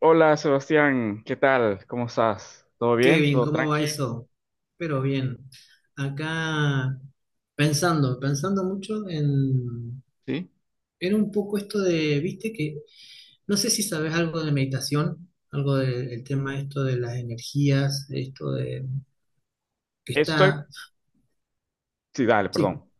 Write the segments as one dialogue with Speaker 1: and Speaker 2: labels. Speaker 1: Hola Sebastián, ¿qué tal? ¿Cómo estás? ¿Todo bien?
Speaker 2: Kevin,
Speaker 1: ¿Todo
Speaker 2: ¿cómo va
Speaker 1: tranqui?
Speaker 2: eso? Pero bien, acá pensando, pensando mucho en,
Speaker 1: Sí.
Speaker 2: era un poco esto de, viste que, no sé si sabes algo de meditación, del tema esto de las energías, esto de, que
Speaker 1: Estoy.
Speaker 2: está,
Speaker 1: Sí, dale,
Speaker 2: sí,
Speaker 1: perdón.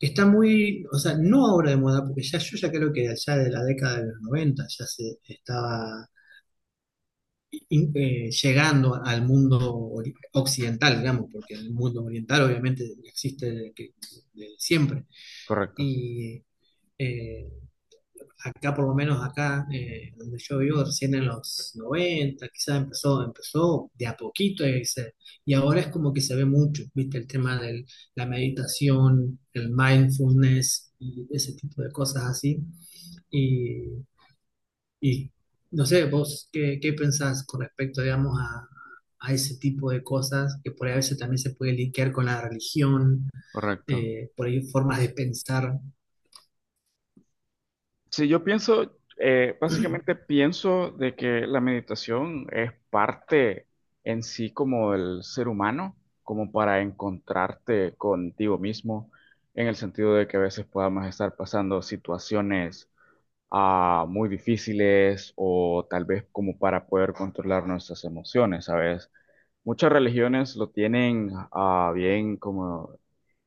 Speaker 2: que está muy, o sea, no ahora de moda, porque ya yo ya creo que allá de la década de los 90 ya se estaba llegando al mundo occidental, digamos, porque el mundo oriental obviamente existe desde siempre.
Speaker 1: Correcto,
Speaker 2: Y eh, acá, por lo menos acá, donde yo vivo, recién en los 90 quizás empezó, empezó de a poquito y, y ahora es como que se ve mucho, ¿viste? El tema de la meditación, el mindfulness y ese tipo de cosas así. Y y no sé, vos qué, pensás con respecto, digamos, a ese tipo de cosas que por ahí a veces también se puede linkear con la religión,
Speaker 1: correcto.
Speaker 2: por ahí formas de pensar.
Speaker 1: Sí, yo pienso, básicamente pienso de que la meditación es parte en sí como del ser humano, como para encontrarte contigo mismo, en el sentido de que a veces podamos estar pasando situaciones muy difíciles o tal vez como para poder controlar nuestras emociones, ¿sabes? Muchas religiones lo tienen bien como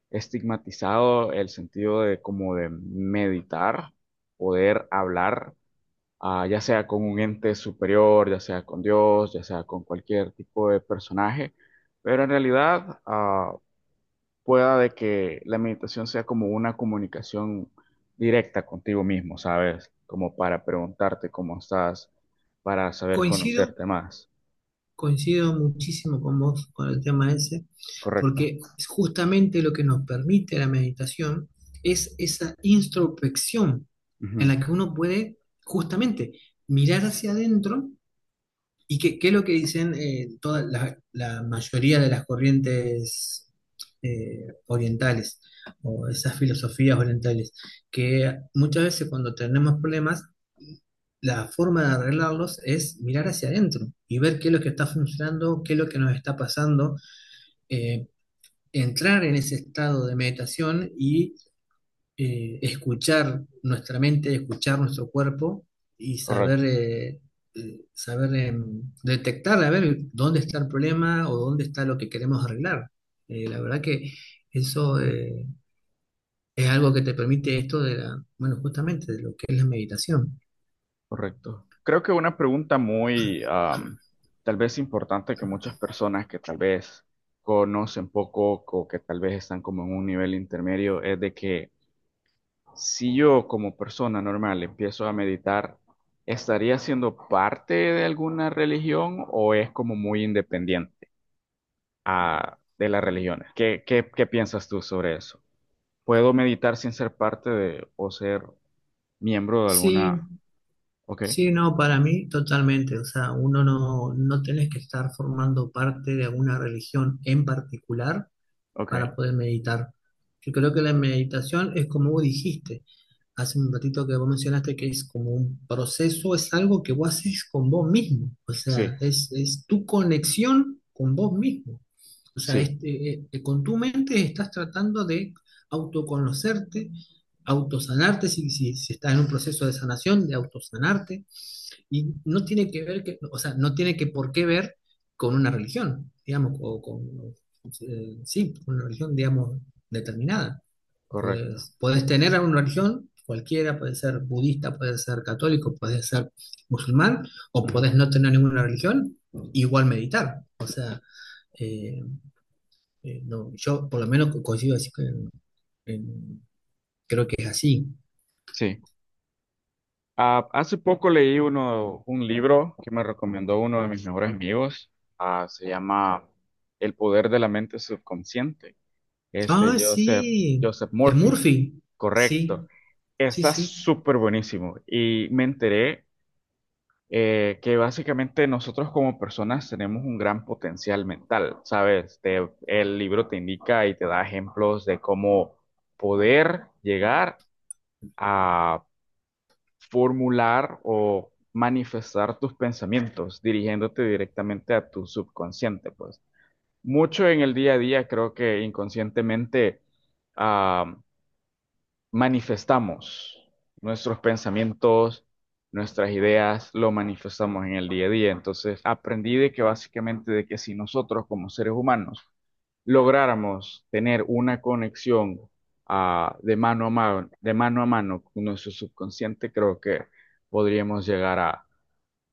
Speaker 1: estigmatizado el sentido de como de meditar, poder hablar, ya sea con un ente superior, ya sea con Dios, ya sea con cualquier tipo de personaje, pero en realidad pueda de que la meditación sea como una comunicación directa contigo mismo, ¿sabes? Como para preguntarte cómo estás, para saber
Speaker 2: Coincido,
Speaker 1: conocerte más,
Speaker 2: coincido muchísimo con vos con el tema ese,
Speaker 1: ¿correcto?
Speaker 2: porque justamente lo que nos permite la meditación es esa introspección en
Speaker 1: Ujú.
Speaker 2: la que uno puede justamente mirar hacia adentro. ¿Y qué, es lo que dicen toda la mayoría de las corrientes orientales o esas filosofías orientales? Que muchas veces cuando tenemos problemas, la forma de arreglarlos es mirar hacia adentro y ver qué es lo que está funcionando, qué es lo que nos está pasando, eh, entrar en ese estado de meditación y escuchar nuestra mente, escuchar nuestro cuerpo y saber,
Speaker 1: Correcto.
Speaker 2: eh, eh, saber em, detectar, a ver dónde está el problema o dónde está lo que queremos arreglar. La verdad que eso es algo que te permite esto de la, bueno, justamente de lo que es la meditación.
Speaker 1: Correcto. Creo que una pregunta muy, tal vez importante, que muchas personas que tal vez conocen poco o que tal vez están como en un nivel intermedio, es de que si yo como persona normal empiezo a meditar, ¿estaría siendo parte de alguna religión o es como muy independiente de las religiones? ¿ qué piensas tú sobre eso? ¿Puedo meditar sin ser parte de o ser miembro de
Speaker 2: Sí,
Speaker 1: alguna? Ok,
Speaker 2: sí, no, para mí totalmente. O sea, uno no tenés que estar formando parte de alguna religión en particular
Speaker 1: ok,
Speaker 2: para poder meditar. Yo creo que la meditación es como vos dijiste hace un ratito que vos mencionaste, que es como un proceso, es algo que vos haces con vos mismo, o
Speaker 1: sí,
Speaker 2: sea, es tu conexión con vos mismo. O sea,
Speaker 1: sí.
Speaker 2: este, con tu mente estás tratando de autoconocerte, autosanarte, si estás en un proceso de sanación, de autosanarte y no tiene que ver, que, o sea, no tiene que por qué ver con una religión, digamos, o con, sí, una religión, digamos, determinada.
Speaker 1: Correcto.
Speaker 2: Podés, podés tener una religión cualquiera, puede ser budista, puede ser católico, puede ser musulmán, o
Speaker 1: Ujú.
Speaker 2: podés no tener ninguna religión, igual meditar. O sea, eh, no, yo por lo menos consigo decir que en- creo que es así.
Speaker 1: Sí. Hace poco leí uno, un libro que me recomendó uno de mis mejores amigos. Ah, se llama El poder de la mente subconsciente. Es de
Speaker 2: Ah,
Speaker 1: Joseph,
Speaker 2: sí,
Speaker 1: Joseph
Speaker 2: de
Speaker 1: Murphy.
Speaker 2: Murphy.
Speaker 1: Correcto.
Speaker 2: Sí, sí,
Speaker 1: Está
Speaker 2: sí.
Speaker 1: súper buenísimo. Y me enteré que básicamente nosotros como personas tenemos un gran potencial mental, ¿sabes? El libro te indica y te da ejemplos de cómo poder llegar, formular o manifestar tus pensamientos, dirigiéndote directamente a tu subconsciente, pues. Mucho en el día a día creo que inconscientemente ah, manifestamos nuestros pensamientos, nuestras ideas, lo manifestamos en el día a día. Entonces aprendí de que básicamente de que si nosotros como seres humanos lográramos tener una conexión de mano a mano, de mano a mano con nuestro subconsciente, creo que podríamos llegar a,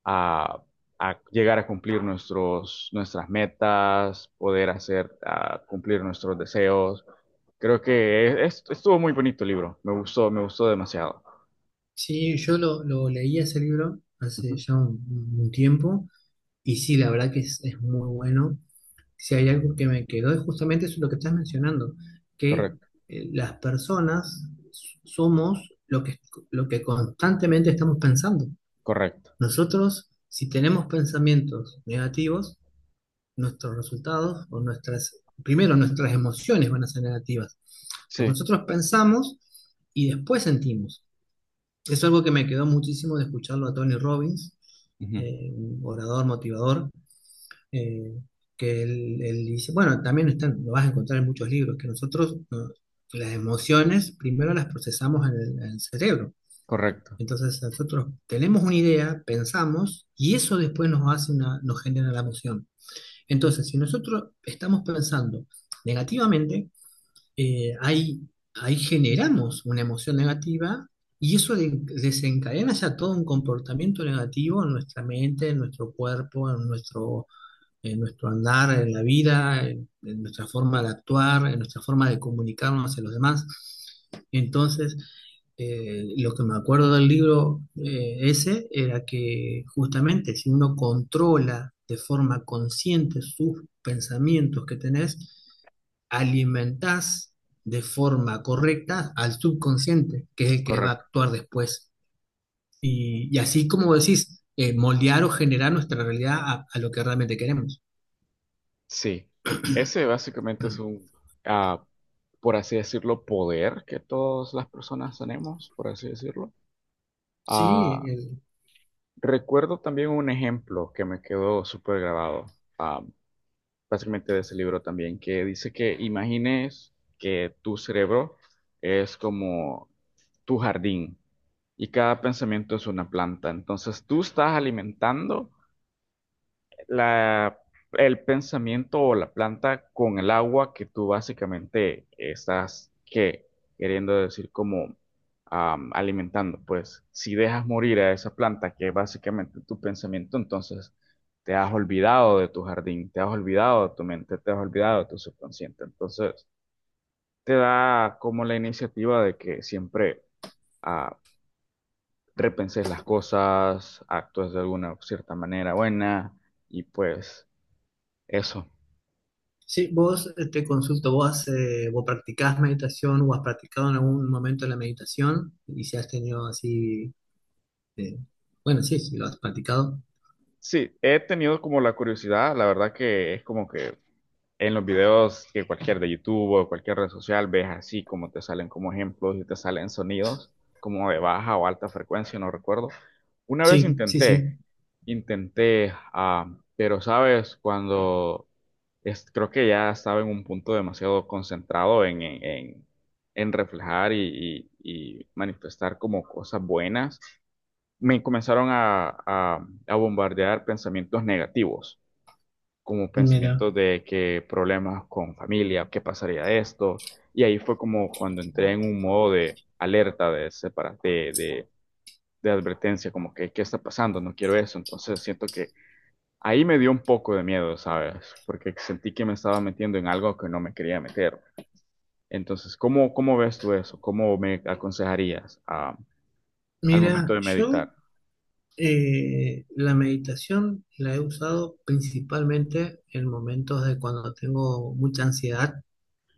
Speaker 1: a- a llegar a cumplir nuestros, nuestras metas, poder hacer, cumplir nuestros deseos. Creo que estuvo muy bonito el libro, me gustó demasiado.
Speaker 2: Sí, yo lo leí ese libro hace
Speaker 1: Ujú.
Speaker 2: ya un, tiempo y sí, la verdad que es muy bueno. Si hay algo que me quedó es justamente eso lo que estás mencionando, que
Speaker 1: Correcto,
Speaker 2: las personas somos lo que constantemente estamos pensando.
Speaker 1: correcto.
Speaker 2: Nosotros, si tenemos pensamientos negativos, nuestros resultados o nuestras, primero nuestras emociones van a ser negativas, porque
Speaker 1: Sí,
Speaker 2: nosotros pensamos y después sentimos. Es algo que me quedó muchísimo de escucharlo a Tony Robbins,
Speaker 1: ujú.
Speaker 2: un orador motivador, eh, que él, dice, bueno, también están, lo vas a encontrar en muchos libros, que nosotros no, las emociones primero las procesamos en el cerebro.
Speaker 1: Correcto,
Speaker 2: Entonces nosotros tenemos una idea, pensamos, y eso después nos hace una, nos genera la emoción. Entonces, si nosotros estamos pensando negativamente, eh, ahí, ahí generamos una emoción negativa y eso desencadena ya todo un comportamiento negativo en nuestra mente, en nuestro cuerpo, en nuestro andar, en la vida, en nuestra forma de actuar, en nuestra forma de comunicarnos a los demás. Entonces, lo que me acuerdo del libro ese era que justamente si uno controla de forma consciente sus pensamientos que tenés, alimentás de forma correcta al subconsciente, que es el que va a
Speaker 1: correcto.
Speaker 2: actuar después. Y así como decís, moldear o generar nuestra realidad a lo que realmente queremos.
Speaker 1: Sí, ese básicamente es un, ah, por así decirlo, poder que todas las personas tenemos, por así decirlo.
Speaker 2: Sí,
Speaker 1: Ah, Recuerdo también un ejemplo que me quedó súper grabado, ah, básicamente de ese libro también, que dice que imagines que tu cerebro es como tu jardín y cada pensamiento es una planta. Entonces tú estás alimentando la, el pensamiento o la planta con el agua que tú básicamente estás que queriendo decir como alimentando. Pues si dejas morir a esa planta que es básicamente tu pensamiento, entonces te has olvidado de tu jardín, te has olvidado de tu mente, te has olvidado de tu subconsciente. Entonces te da como la iniciativa de que siempre ah, repenses las cosas, actúes de alguna cierta manera buena y pues eso.
Speaker 2: sí, vos te consulto, vos practicás meditación o has practicado en algún momento la meditación y si has tenido así, eh, bueno, sí, sí, lo has practicado.
Speaker 1: Sí, he tenido como la curiosidad, la verdad que es como que en los videos que cualquier de YouTube o cualquier red social, ves así como te salen como ejemplos y te salen sonidos como de baja o alta frecuencia, no recuerdo. Una vez
Speaker 2: Sí, sí, sí,
Speaker 1: intenté, intenté, pero sabes, cuando es, creo que ya estaba en un punto demasiado concentrado en, en reflejar y, y manifestar como cosas buenas, me comenzaron a, a bombardear pensamientos negativos, como
Speaker 2: mira,
Speaker 1: pensamientos de que problemas con familia, qué pasaría esto. Y ahí fue como cuando entré en un modo de alerta, de, de advertencia, como que, ¿qué está pasando? No quiero eso. Entonces siento que ahí me dio un poco de miedo, ¿sabes? Porque sentí que me estaba metiendo en algo que no me quería meter. Entonces, ¿ cómo ves tú eso? ¿Cómo me aconsejarías al momento
Speaker 2: mira,
Speaker 1: de
Speaker 2: yo
Speaker 1: meditar?
Speaker 2: la meditación la he usado principalmente en momentos de cuando tengo mucha ansiedad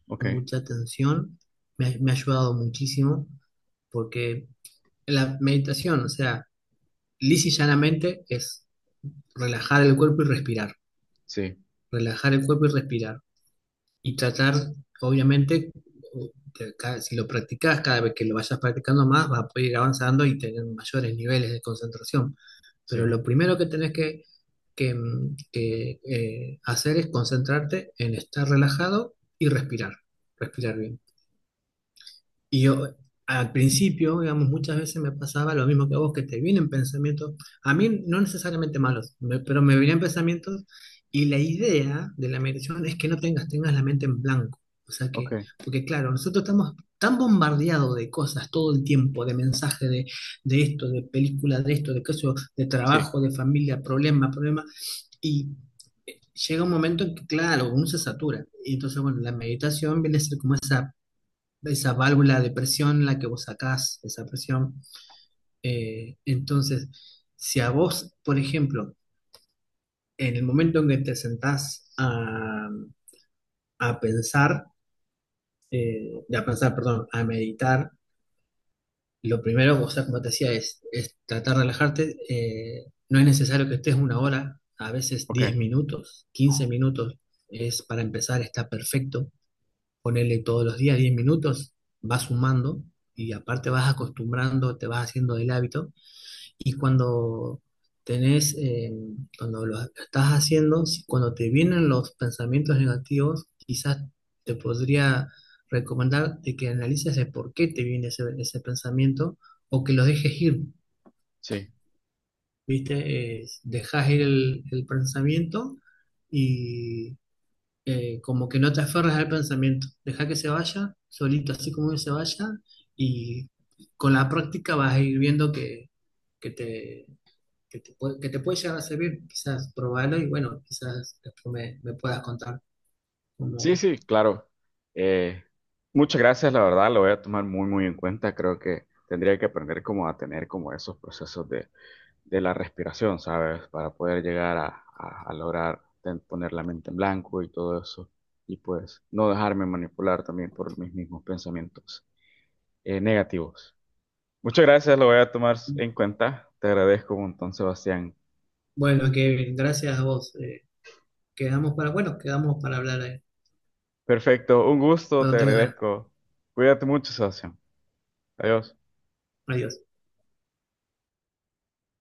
Speaker 1: Ok,
Speaker 2: o mucha tensión, me, me ha ayudado muchísimo porque la meditación, o sea, lisa y llanamente es relajar el cuerpo y respirar.
Speaker 1: sí,
Speaker 2: Relajar el cuerpo y respirar. Y tratar, obviamente, de si lo practicas, cada vez que lo vayas practicando más, vas a poder ir avanzando y tener mayores niveles de concentración. Pero
Speaker 1: sí,
Speaker 2: lo primero que tenés que, hacer es concentrarte en estar relajado y respirar, respirar bien. Y yo, al principio, digamos, muchas veces me pasaba lo mismo que a vos, que te vienen pensamientos, a mí no necesariamente malos, pero me venían pensamientos y la idea de la meditación es que no tengas, tengas la mente en blanco. O sea que,
Speaker 1: ok.
Speaker 2: porque claro, nosotros estamos tan bombardeados de cosas todo el tiempo, de mensajes de, esto, de películas, de esto, de eso, de
Speaker 1: Sí,
Speaker 2: trabajo, de familia, problema, problema, y llega un momento en que, claro, uno se satura. Y entonces, bueno, la meditación viene a ser como esa válvula de presión, la que vos sacás, esa presión. Entonces, si a vos, por ejemplo, en el momento en que te sentás a pensar, a pensar, perdón, a meditar, lo primero, o sea, como te decía, es tratar de relajarte. No es necesario que estés una hora, a veces
Speaker 1: ok,
Speaker 2: 10 minutos, 15 minutos es para empezar, está perfecto. Ponerle todos los días 10 minutos, vas sumando y aparte vas acostumbrando, te vas haciendo del hábito y cuando tenés, cuando lo estás haciendo, cuando te vienen los pensamientos negativos, quizás te podría recomendar de que analices el por qué te viene ese, pensamiento o que lo dejes ir,
Speaker 1: sí.
Speaker 2: ¿viste? Dejas ir el pensamiento y como que no te aferres al pensamiento, deja que se vaya solito, así como se vaya, y con la práctica vas a ir viendo que te, que te puede llegar a servir, quizás probarlo y bueno, quizás después me puedas contar
Speaker 1: Sí,
Speaker 2: cómo.
Speaker 1: sí, claro. Eh, Muchas gracias, la verdad, lo voy a tomar muy, muy en cuenta. Creo que tendría que aprender como a tener como esos procesos de la respiración, ¿sabes? Para poder llegar a, a lograr poner la mente en blanco y todo eso. Y pues no dejarme manipular también por mis mismos pensamientos negativos. Muchas gracias, lo voy a tomar en cuenta. Te agradezco un montón, Sebastián.
Speaker 2: Bueno, Kevin, gracias a vos. Quedamos para, bueno, quedamos para hablar
Speaker 1: Perfecto, un gusto, te
Speaker 2: cuando tengas ganas.
Speaker 1: agradezco. Cuídate mucho, Sebastián. Adiós.
Speaker 2: Adiós.